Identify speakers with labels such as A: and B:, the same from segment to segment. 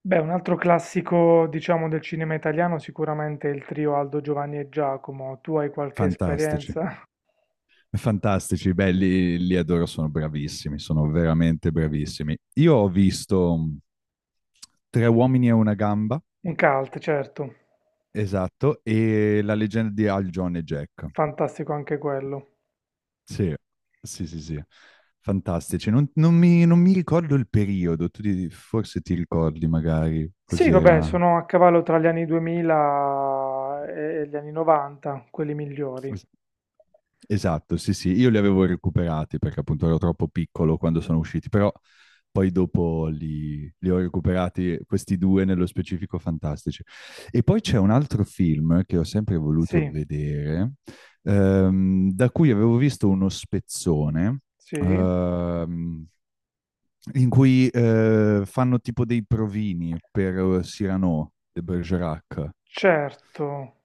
A: Beh, un altro classico, diciamo, del cinema italiano sicuramente è il trio Aldo, Giovanni e Giacomo. Tu hai qualche
B: Fantastici,
A: esperienza?
B: fantastici, belli, li adoro, sono bravissimi, sono veramente bravissimi. Io ho visto Tre uomini e una gamba,
A: Un cult, certo.
B: esatto, e La leggenda di Al John e Jack.
A: Fantastico anche quello.
B: Sì, sì, sì, sì, fantastici. Non mi ricordo il periodo, forse ti ricordi magari
A: Sì, vabbè,
B: cos'era.
A: sono a cavallo tra gli anni 2000 e gli anni 90, quelli migliori.
B: Es- Esatto, sì, sì, io li avevo recuperati perché appunto ero troppo piccolo quando sono usciti, però poi dopo li ho recuperati questi due nello specifico fantastici. E poi c'è un altro film che ho sempre voluto
A: Sì,
B: vedere, da cui avevo visto uno spezzone,
A: sì,
B: ehm, in cui fanno tipo dei provini per Cyrano de Bergerac
A: certo,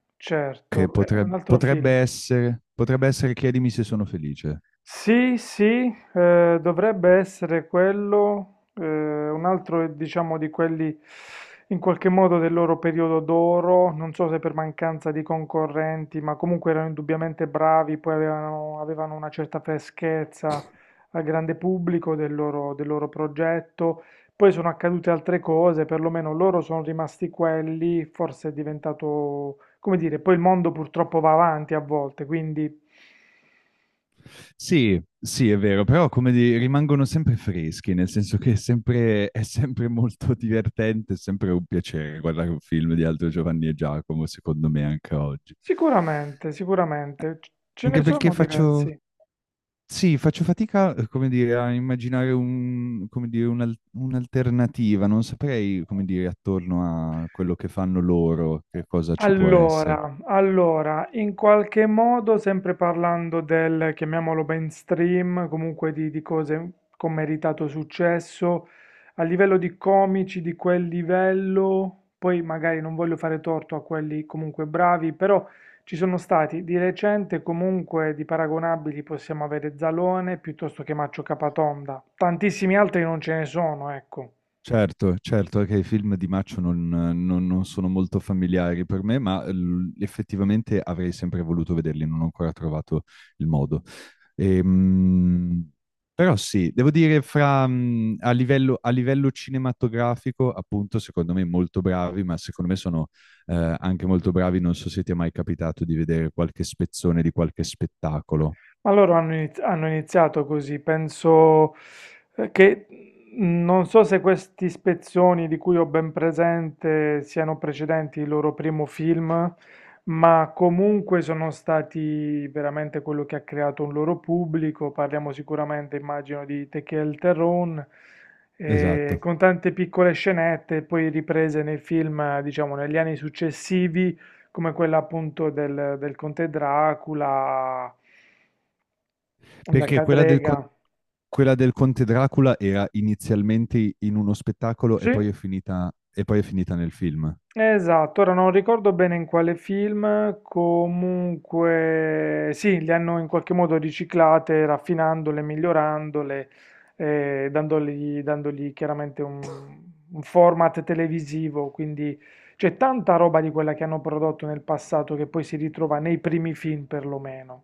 B: che
A: certo. È un altro film.
B: potrebbe essere Chiedimi se sono felice.
A: Sì, sì, dovrebbe essere quello, un altro diciamo di quelli in qualche modo del loro periodo d'oro, non so se per mancanza di concorrenti, ma comunque erano indubbiamente bravi, poi avevano una certa freschezza al grande pubblico del loro progetto. Poi sono accadute altre cose, perlomeno loro sono rimasti quelli, forse è diventato, come dire, poi il mondo purtroppo va avanti a volte, quindi...
B: Sì, sì, è vero, però rimangono sempre freschi, nel senso che è sempre molto divertente, è sempre un piacere guardare un film di Aldo Giovanni e Giacomo, secondo me, anche oggi.
A: Sicuramente, sicuramente, ce
B: Anche
A: ne
B: perché
A: sono diversi.
B: sì, faccio fatica, come dire, a immaginare come dire, un'alternativa, non saprei, come dire, attorno a quello che fanno loro, che cosa ci può essere.
A: Allora, allora, in qualche modo, sempre parlando del, chiamiamolo mainstream, comunque di cose con meritato successo, a livello di comici di quel livello, poi magari non voglio fare torto a quelli comunque bravi, però ci sono stati di recente comunque di paragonabili possiamo avere Zalone piuttosto che Maccio Capatonda. Tantissimi altri non ce ne sono, ecco.
B: Certo, certo, anche i film di Maccio non sono molto familiari per me, ma effettivamente avrei sempre voluto vederli, non ho ancora trovato il modo. Ehm, Però sì, devo dire, fra, a livello cinematografico, appunto, secondo me molto bravi, ma secondo me sono anche molto bravi, non so se ti è mai capitato di vedere qualche spezzone di qualche spettacolo.
A: Ma loro hanno iniziato così, penso che non so se questi spezzoni di cui ho ben presente siano precedenti il loro primo film, ma comunque sono stati veramente quello che ha creato un loro pubblico. Parliamo sicuramente, immagino, di Tequel Terron,
B: Esatto.
A: con tante piccole scenette, poi riprese nei film, diciamo, negli anni successivi, come quella appunto del, del Conte Dracula. La
B: Perché
A: Cadrega.
B: quella del Conte Dracula era inizialmente in uno spettacolo
A: Sì,
B: e poi è finita, e poi è finita nel film.
A: esatto. Ora non ricordo bene in quale film, comunque sì, le hanno in qualche modo riciclate, raffinandole, migliorandole, dandogli, dandogli chiaramente un format televisivo. Quindi c'è tanta roba di quella che hanno prodotto nel passato che poi si ritrova nei primi film perlomeno.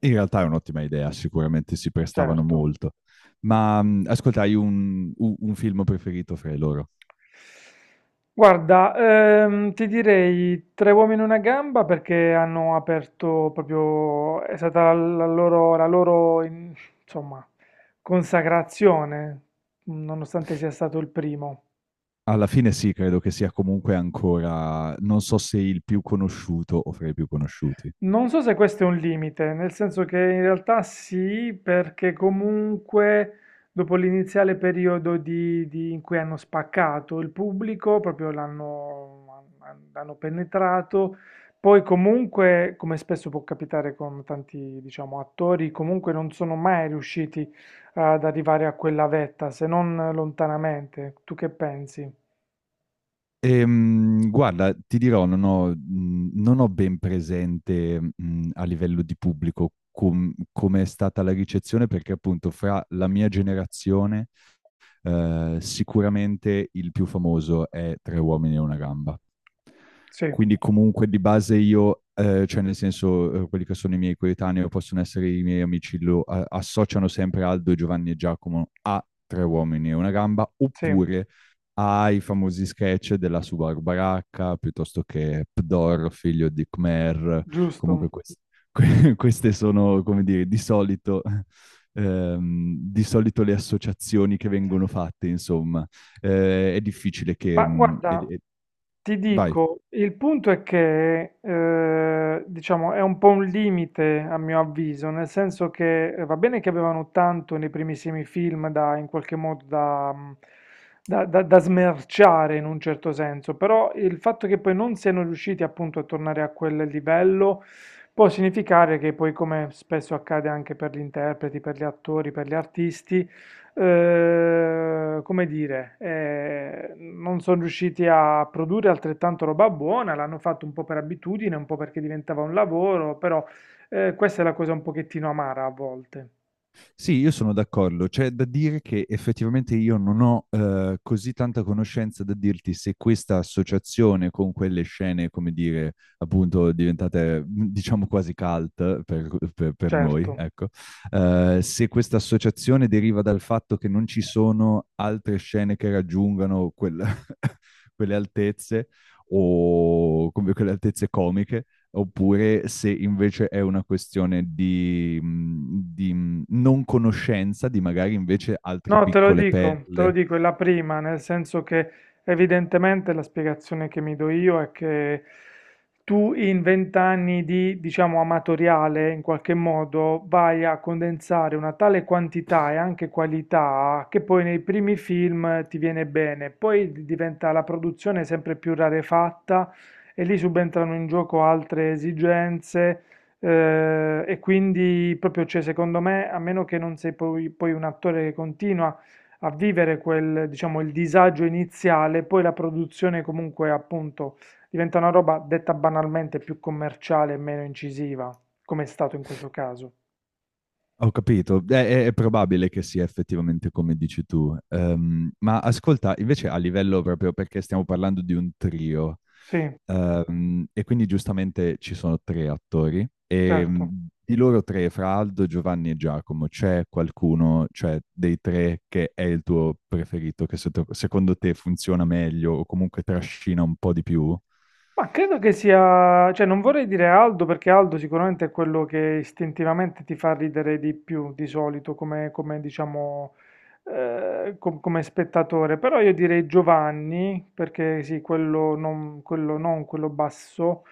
B: In realtà è un'ottima idea, sicuramente si prestavano
A: Certo.
B: molto. Ma ascolta, hai un film preferito fra i loro?
A: Guarda, ti direi tre uomini e una gamba perché hanno aperto proprio, è stata la loro, insomma, consacrazione, nonostante sia stato il primo.
B: Alla fine sì, credo che sia comunque ancora, non so se il più conosciuto o fra i più conosciuti.
A: Non so se questo è un limite, nel senso che in realtà sì, perché comunque dopo l'iniziale periodo in cui hanno spaccato il pubblico, proprio l'hanno l'hanno penetrato, poi comunque, come spesso può capitare con tanti, diciamo, attori, comunque non sono mai riusciti ad arrivare a quella vetta, se non lontanamente. Tu che pensi?
B: Guarda, ti dirò, non ho ben presente, a livello di pubblico come è stata la ricezione, perché appunto fra la mia generazione sicuramente il più famoso è Tre uomini e una gamba.
A: Sì,
B: Quindi comunque di base io, cioè nel senso quelli che sono i miei coetanei o possono essere i miei amici, associano sempre Aldo, Giovanni e Giacomo a Tre uomini e una gamba,
A: sì,
B: oppure ai famosi sketch della Subaru Baracca, piuttosto che Pdor, figlio di Khmer, comunque
A: giusto.
B: queste sono, come dire, di solito le associazioni che vengono fatte, insomma, è difficile che...
A: Ma guarda, ti
B: vai.
A: dico, il punto è che, diciamo, è un po' un limite a mio avviso, nel senso che va bene che avevano tanto nei primissimi film da, in qualche modo da, da smerciare in un certo senso, però il fatto che poi non siano riusciti appunto a tornare a quel livello può significare che poi, come spesso accade anche per gli interpreti, per gli attori, per gli artisti, non sono riusciti a produrre altrettanto roba buona, l'hanno fatto un po' per abitudine, un po' perché diventava un lavoro, però questa è la cosa un pochettino amara a volte,
B: Sì, io sono d'accordo. C'è da dire che effettivamente io non ho così tanta conoscenza da dirti se questa associazione con quelle scene, come dire, appunto diventate diciamo quasi cult per, per noi,
A: certo.
B: ecco, se questa associazione deriva dal fatto che non ci sono altre scene che raggiungano quelle altezze o come quelle altezze comiche oppure se invece è una questione di, non conoscenza di magari invece altre
A: No,
B: piccole
A: te lo
B: perle.
A: dico, è la prima, nel senso che evidentemente la spiegazione che mi do io è che tu in vent'anni di, diciamo, amatoriale, in qualche modo, vai a condensare una tale quantità e anche qualità che poi nei primi film ti viene bene, poi diventa la produzione sempre più rarefatta e lì subentrano in gioco altre esigenze e quindi proprio, cioè, secondo me, a meno che non sei poi, poi un attore che continua a vivere quel, diciamo, il disagio iniziale, poi la produzione comunque appunto diventa una roba detta banalmente più commerciale e meno incisiva, come è stato in questo caso.
B: Ho capito, è probabile che sia effettivamente come dici tu. Ma ascolta, invece a livello proprio perché stiamo parlando di un trio,
A: Sì,
B: e quindi giustamente ci sono tre attori, e
A: certo.
B: di loro tre, fra Aldo, Giovanni e Giacomo, c'è qualcuno, cioè dei tre, che è il tuo preferito, che secondo te funziona meglio o comunque trascina un po' di più?
A: Ma credo che sia, cioè non vorrei dire Aldo perché Aldo sicuramente è quello che istintivamente ti fa ridere di più di solito come, come, diciamo come spettatore, però io direi Giovanni perché sì, quello non quello, non quello basso,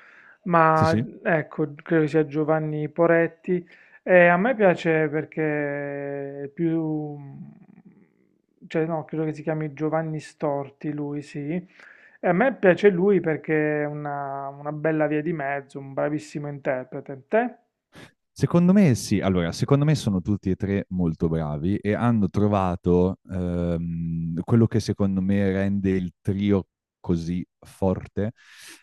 B: Sì,
A: ma
B: sì.
A: ecco, credo sia Giovanni Poretti. E a me piace perché è più... cioè no, credo che si chiami Giovanni Storti, lui sì. E a me piace lui perché è una bella via di mezzo, un bravissimo interprete. Te?
B: Secondo me sì, allora, secondo me sono tutti e tre molto bravi e hanno trovato quello che secondo me rende il trio così forte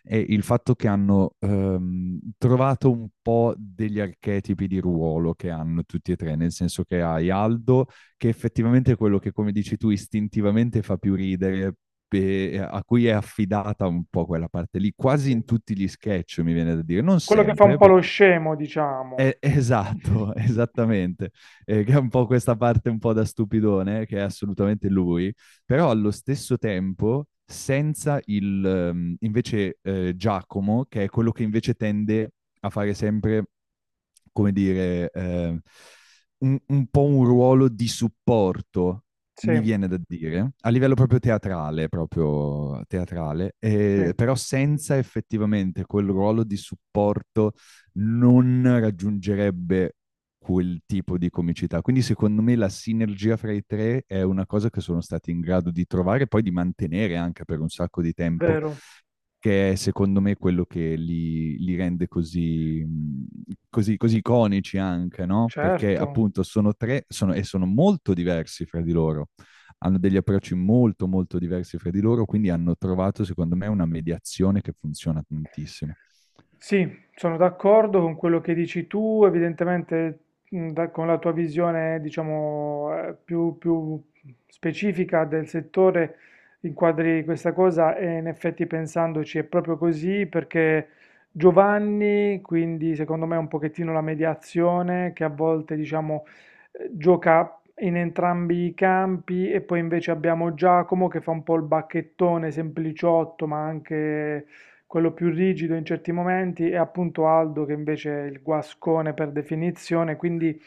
B: è il fatto che hanno trovato un po' degli archetipi di ruolo che hanno tutti e tre, nel senso che hai Aldo, che effettivamente è quello che, come dici tu, istintivamente fa più ridere, e a cui è affidata un po' quella parte lì, quasi
A: Sì.
B: in tutti gli sketch, mi viene da dire, non
A: Quello che fa un
B: sempre,
A: po' lo
B: perché
A: scemo, diciamo.
B: esatto, esattamente. Che è un po' questa parte un po' da stupidone, che è assolutamente lui, però allo stesso tempo senza il, invece, Giacomo, che è quello che invece tende a fare sempre, come dire, un po' un ruolo di supporto,
A: Sì,
B: mi viene da dire, a livello proprio teatrale,
A: sì,
B: però senza effettivamente quel ruolo di supporto non raggiungerebbe quel tipo di comicità. Quindi secondo me la sinergia fra i tre è una cosa che sono stati in grado di trovare e poi di mantenere anche per un sacco di tempo,
A: vero,
B: che è secondo me quello che li rende così, così, così iconici anche, no? Perché
A: certo.
B: appunto sono tre sono, e sono molto diversi fra di loro, hanno degli approcci molto molto diversi fra di loro, quindi hanno trovato secondo me una mediazione che funziona tantissimo.
A: Sì, sono d'accordo con quello che dici tu, evidentemente con la tua visione, diciamo, più, più specifica del settore, inquadri questa cosa e in effetti pensandoci è proprio così perché Giovanni, quindi secondo me è un pochettino la mediazione che a volte, diciamo, gioca in entrambi i campi e poi invece abbiamo Giacomo che fa un po' il bacchettone sempliciotto, ma anche quello più rigido in certi momenti è appunto Aldo, che invece è il guascone per definizione, quindi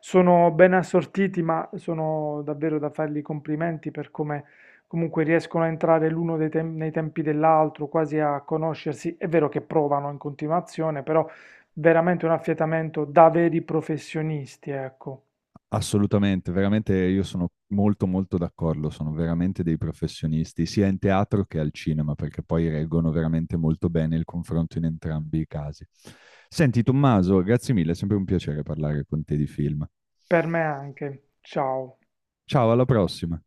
A: sono ben assortiti, ma sono davvero da fargli i complimenti per come comunque riescono a entrare nei tempi dell'altro, quasi a conoscersi. È vero che provano in continuazione, però veramente un affiatamento da veri professionisti, ecco.
B: Assolutamente, veramente io sono molto molto d'accordo, sono veramente dei professionisti, sia in teatro che al cinema, perché poi reggono veramente molto bene il confronto in entrambi i casi. Senti Tommaso, grazie mille, è sempre un piacere parlare con te di film.
A: Per me anche. Ciao.
B: Ciao, alla prossima.